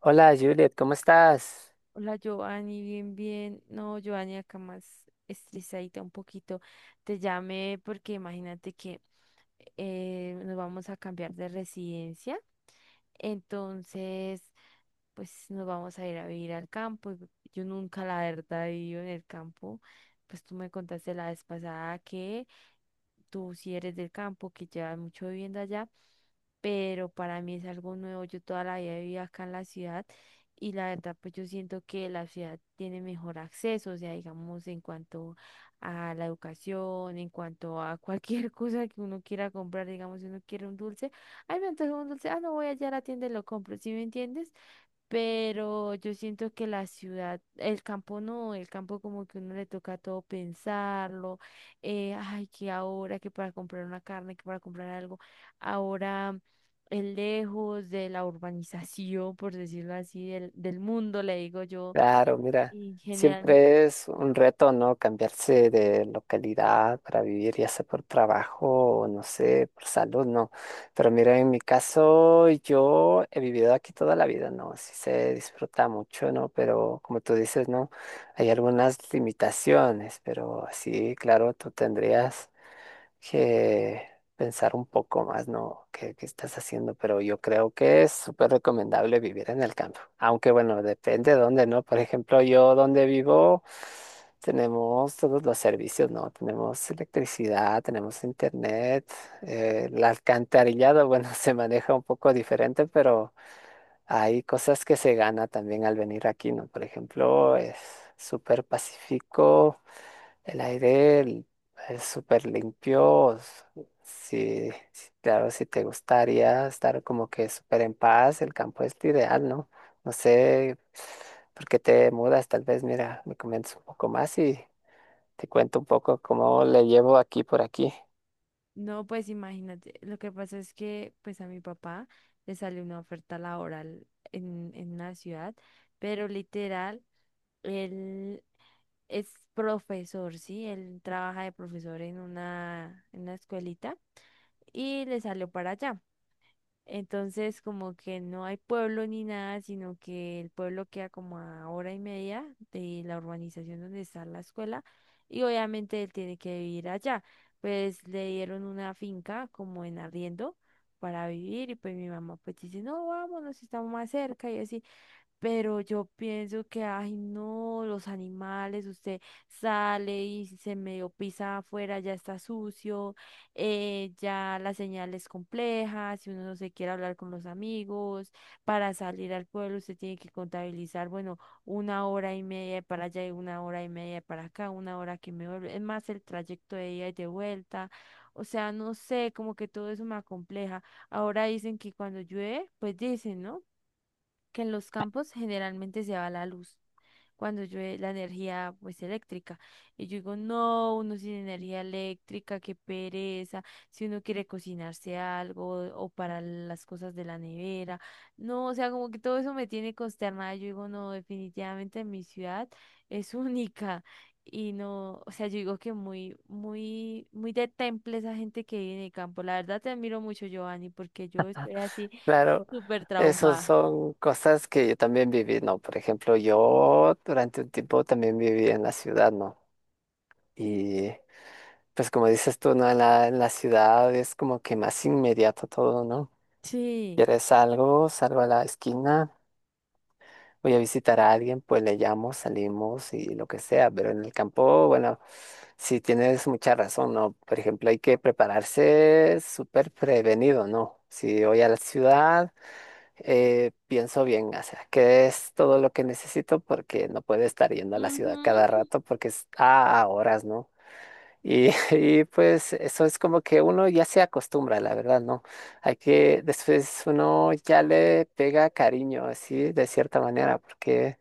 Hola Juliet, ¿cómo estás? Hola Giovanni, bien, bien. No, Giovanni, acá más estresadita un poquito. Te llamé porque imagínate que nos vamos a cambiar de residencia. Entonces, pues nos vamos a ir a vivir al campo. Yo nunca, la verdad, he vivido en el campo. Pues tú me contaste la vez pasada que tú sí eres del campo, que llevas mucho viviendo allá, pero para mí es algo nuevo. Yo toda la vida viví acá en la ciudad y la verdad, pues yo siento que la ciudad tiene mejor acceso, o sea, digamos, en cuanto a la educación, en cuanto a cualquier cosa que uno quiera comprar. Digamos, si uno quiere un dulce, ay, me antojo un dulce, ah, no, voy allá a la tienda y lo compro, ¿sí me entiendes? Pero yo siento que la ciudad, el campo no, el campo como que uno le toca todo pensarlo. Ay, que ahora, que para comprar una carne, que para comprar algo, ahora es lejos de la urbanización, por decirlo así, del mundo, le digo yo, Claro, mira, en general. siempre es un reto, ¿no? Cambiarse de localidad para vivir, ya sea por trabajo o no sé, por salud, ¿no? Pero mira, en mi caso, yo he vivido aquí toda la vida, ¿no? Sí se disfruta mucho, ¿no? Pero como tú dices, ¿no? Hay algunas limitaciones, pero sí, claro, tú tendrías que pensar un poco más, ¿no? ¿Qué estás haciendo? Pero yo creo que es súper recomendable vivir en el campo. Aunque bueno, depende de dónde, ¿no? Por ejemplo, yo donde vivo tenemos todos los servicios, ¿no? Tenemos electricidad, tenemos internet, el alcantarillado, bueno, se maneja un poco diferente, pero hay cosas que se gana también al venir aquí, ¿no? Por ejemplo, es súper pacífico, el aire l- es súper limpio. S- Sí, sí, claro, si te gustaría estar como que súper en paz, el campo es lo ideal, ¿no? No sé por qué te mudas, tal vez, mira, me comentas un poco más y te cuento un poco cómo le llevo aquí por aquí. No, pues imagínate, lo que pasa es que pues a mi papá le salió una oferta laboral en una ciudad, pero literal, él es profesor, ¿sí? Él trabaja de profesor en una escuelita y le salió para allá. Entonces, como que no hay pueblo ni nada, sino que el pueblo queda como a hora y media de la urbanización donde está la escuela, y obviamente él tiene que vivir allá. Pues le dieron una finca como en arriendo para vivir, y pues mi mamá pues dice, no, vámonos, estamos más cerca y así. Pero yo pienso que, ay, no, los animales, usted sale y si se medio pisa afuera, ya está sucio. Ya la señal es compleja, si uno no se quiere hablar con los amigos, para salir al pueblo usted tiene que contabilizar, bueno, una hora y media de para allá y una hora y media de para acá, una hora que me vuelve, es más el trayecto de ida y de vuelta. O sea, no sé, como que todo eso me acompleja. Ahora dicen que cuando llueve, pues dicen, ¿no?, que en los campos generalmente se va la luz cuando llueve, la energía pues eléctrica. Y yo digo, no, uno sin energía eléctrica, qué pereza, si uno quiere cocinarse algo o para las cosas de la nevera. No, o sea, como que todo eso me tiene consternada. Yo digo, no, definitivamente mi ciudad es única. Y no, o sea, yo digo que muy, muy, muy de temple esa gente que vive en el campo. La verdad te admiro mucho, Giovanni, porque yo estoy así Claro, súper esas traumada. son cosas que yo también viví, ¿no? Por ejemplo, yo durante un tiempo también viví en la ciudad, ¿no? Y pues como dices tú, ¿no? En la ciudad es como que más inmediato todo, ¿no? Sí. Quieres algo, salgo a la esquina, voy a visitar a alguien, pues le llamo, salimos y lo que sea, pero en el campo, bueno, sí tienes mucha razón, ¿no? Por ejemplo, hay que prepararse súper prevenido, ¿no? Si voy a la ciudad, pienso bien, o sea, que es todo lo que necesito porque no puedo estar yendo a la ciudad cada Ujú. rato porque es a horas, ¿no? Y y pues eso es como que uno ya se acostumbra, la verdad, ¿no? Hay que, después uno ya le pega cariño, así, de cierta manera, porque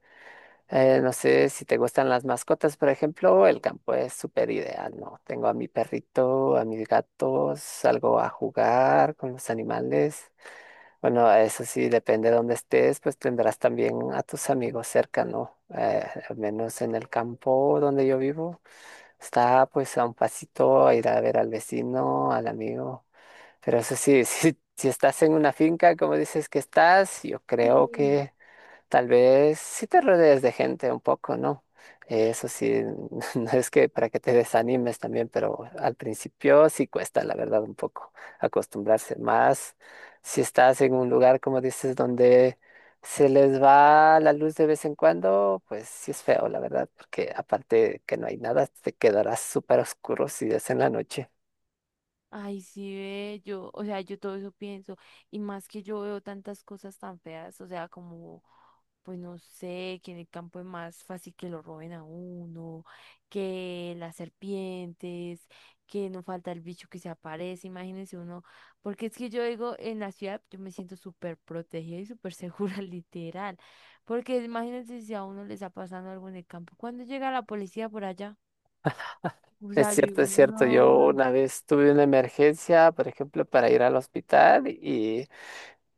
no sé si te gustan las mascotas, por ejemplo, el campo es súper ideal, ¿no? Tengo a mi perrito, a mis gatos, salgo a jugar con los animales. Bueno, eso sí, depende de dónde estés, pues tendrás también a tus amigos cerca, ¿no? Al menos en el campo donde yo vivo, está pues a un pasito a ir a ver al vecino, al amigo. Pero eso sí, si estás en una finca, como dices que estás, yo creo Sí. que tal vez sí te rodees de gente un poco, ¿no? Eso sí, no es que para que te desanimes también, pero al principio sí cuesta, la verdad, un poco acostumbrarse más. Si estás en un lugar, como dices, donde se les va la luz de vez en cuando, pues sí es feo, la verdad, porque aparte que no hay nada, te quedarás súper oscuro si es en la noche. Ay, sí, ve, yo, o sea, yo todo eso pienso, y más que yo veo tantas cosas tan feas, o sea, como, pues no sé, que en el campo es más fácil que lo roben a uno, que las serpientes, que no falta el bicho que se aparece, imagínense uno, porque es que yo digo, en la ciudad yo me siento súper protegida y súper segura, literal, porque imagínense si a uno le está pasando algo en el campo, ¿cuándo llega la policía por allá? O Es sea, yo digo, cierto, es cierto. Yo no. una vez tuve una emergencia, por ejemplo, para ir al hospital y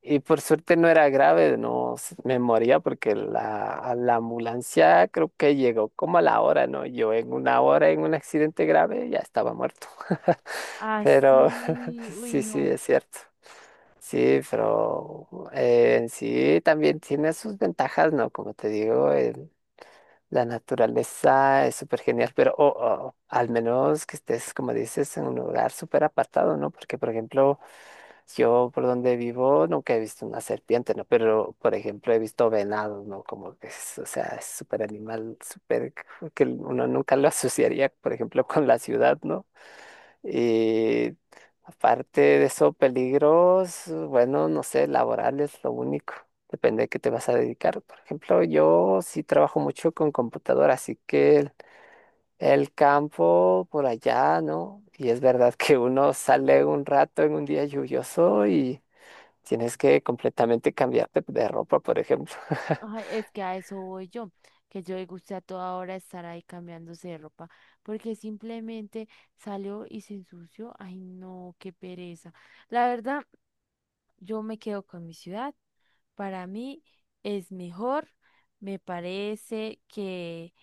Y por suerte no era grave, no s- me moría porque la ambulancia creo que llegó como a la hora, ¿no? Yo en una hora en un accidente grave ya estaba muerto. Pero Así, uy, sí, sí, no. es cierto. Sí, pero en sí también tiene sus ventajas, ¿no? Como te digo, la naturaleza es súper genial, pero o, al menos que estés, como dices, en un lugar súper apartado, ¿no? Porque, por ejemplo, yo por donde vivo nunca he visto una serpiente, ¿no? Pero, por ejemplo, he visto venados, ¿no? Como que es, o sea, es súper animal, súper, que uno nunca lo asociaría, por ejemplo, con la ciudad, ¿no? Y aparte de eso, peligros, bueno, no sé, laborales, lo único. Depende de qué te vas a dedicar. Por ejemplo, yo sí trabajo mucho con computadora, así que el campo por allá, ¿no? Y es verdad que uno sale un rato en un día lluvioso y tienes que completamente cambiarte de ropa, por ejemplo. Ay, es que a eso voy yo, que yo le gusta a toda hora estar ahí cambiándose de ropa, porque simplemente salió y se ensució. Ay, no, qué pereza. La verdad, yo me quedo con mi ciudad. Para mí es mejor. Me parece que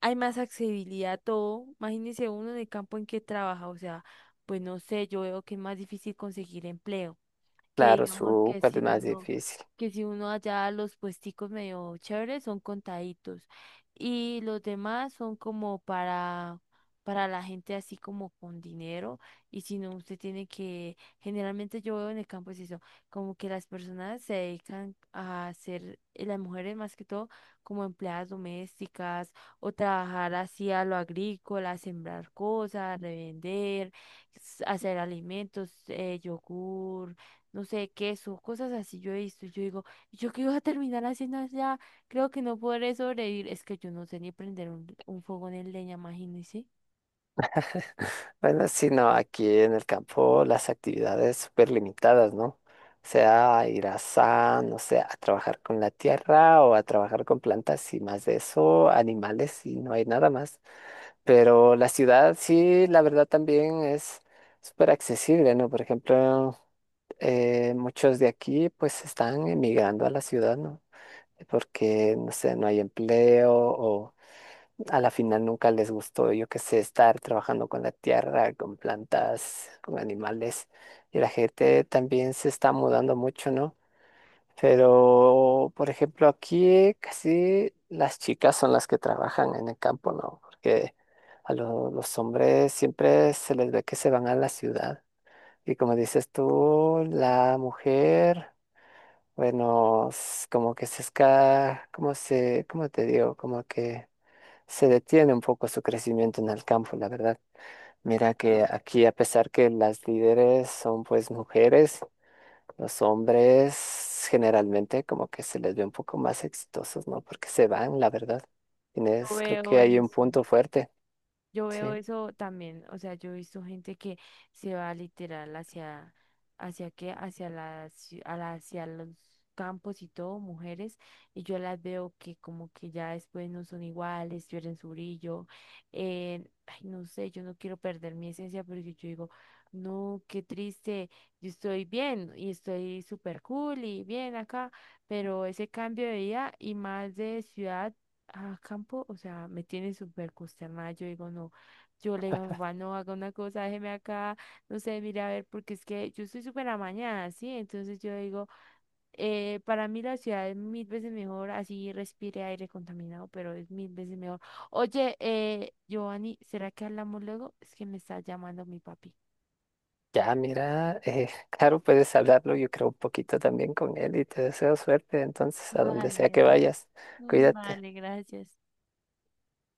hay más accesibilidad a todo. Imagínese uno en el campo en que trabaja, o sea, pues no sé, yo veo que es más difícil conseguir empleo, que Claro, digamos que súper si más uno, difícil. que si uno, allá los puesticos medio chéveres son contaditos, y los demás son como para la gente así como con dinero, y si no usted tiene que, generalmente yo veo en el campo es eso, como que las personas se dedican a ser, las mujeres más que todo, como empleadas domésticas, o trabajar así a lo agrícola, sembrar cosas, revender, hacer alimentos, yogur, no sé, queso, cosas así yo he visto. Yo digo: "Y yo qué iba a terminar haciendo allá? Creo que no podré sobrevivir. Es que yo no sé ni prender un fogón en leña, imagínense". Bueno, sí, no, aquí en el campo las actividades súper limitadas, ¿no? O sea, a trabajar con la tierra o a trabajar con plantas y más de eso, animales y no hay nada más. Pero la ciudad sí, la verdad también es súper accesible, ¿no? Por ejemplo, muchos de aquí pues están emigrando a la ciudad, ¿no? Porque, no sé, no hay empleo o a la final nunca les gustó, yo qué sé, estar trabajando con la tierra, con plantas, con animales. Y la gente también se está mudando mucho, ¿no? Pero, por ejemplo, aquí casi las chicas son las que trabajan en el campo, ¿no? Porque los hombres siempre se les ve que se van a la ciudad. Y como dices tú, la mujer, bueno, s- como que se esca, como se, cómo te digo, como que se detiene un poco su crecimiento en el campo, la verdad. Mira que aquí, a pesar que las líderes son pues mujeres, los hombres generalmente como que se les ve un poco más exitosos, ¿no? Porque se van, la verdad. Yo Tienes, creo veo que hay un eso. punto fuerte. Yo veo Sí. eso también, o sea, yo he visto gente que se va literal hacia, hacia qué, hacia las, a la- hacia los campos y todo, mujeres, y yo las veo que como que ya después no son iguales, pierden su brillo. Ay, no sé, yo no quiero perder mi esencia porque yo digo, no, qué triste, yo estoy bien y estoy súper cool y bien acá, pero ese cambio de vida, y más de ciudad a campo, o sea, me tiene súper consternada. Yo digo, no, yo le digo a mi papá, no haga una cosa, déjeme acá, no sé, mire a ver, porque es que yo estoy súper amañada, ¿sí? Entonces yo digo, para mí la ciudad es mil veces mejor, así respire aire contaminado, pero es mil veces mejor. Oye, Giovanni, ¿será que hablamos luego? Es que me está llamando mi papi. Ya, mira, claro, puedes hablarlo, yo creo un poquito también con él y te deseo suerte, entonces, a donde Vale, sea que vale. vayas, Mm, cuídate. vale, gracias.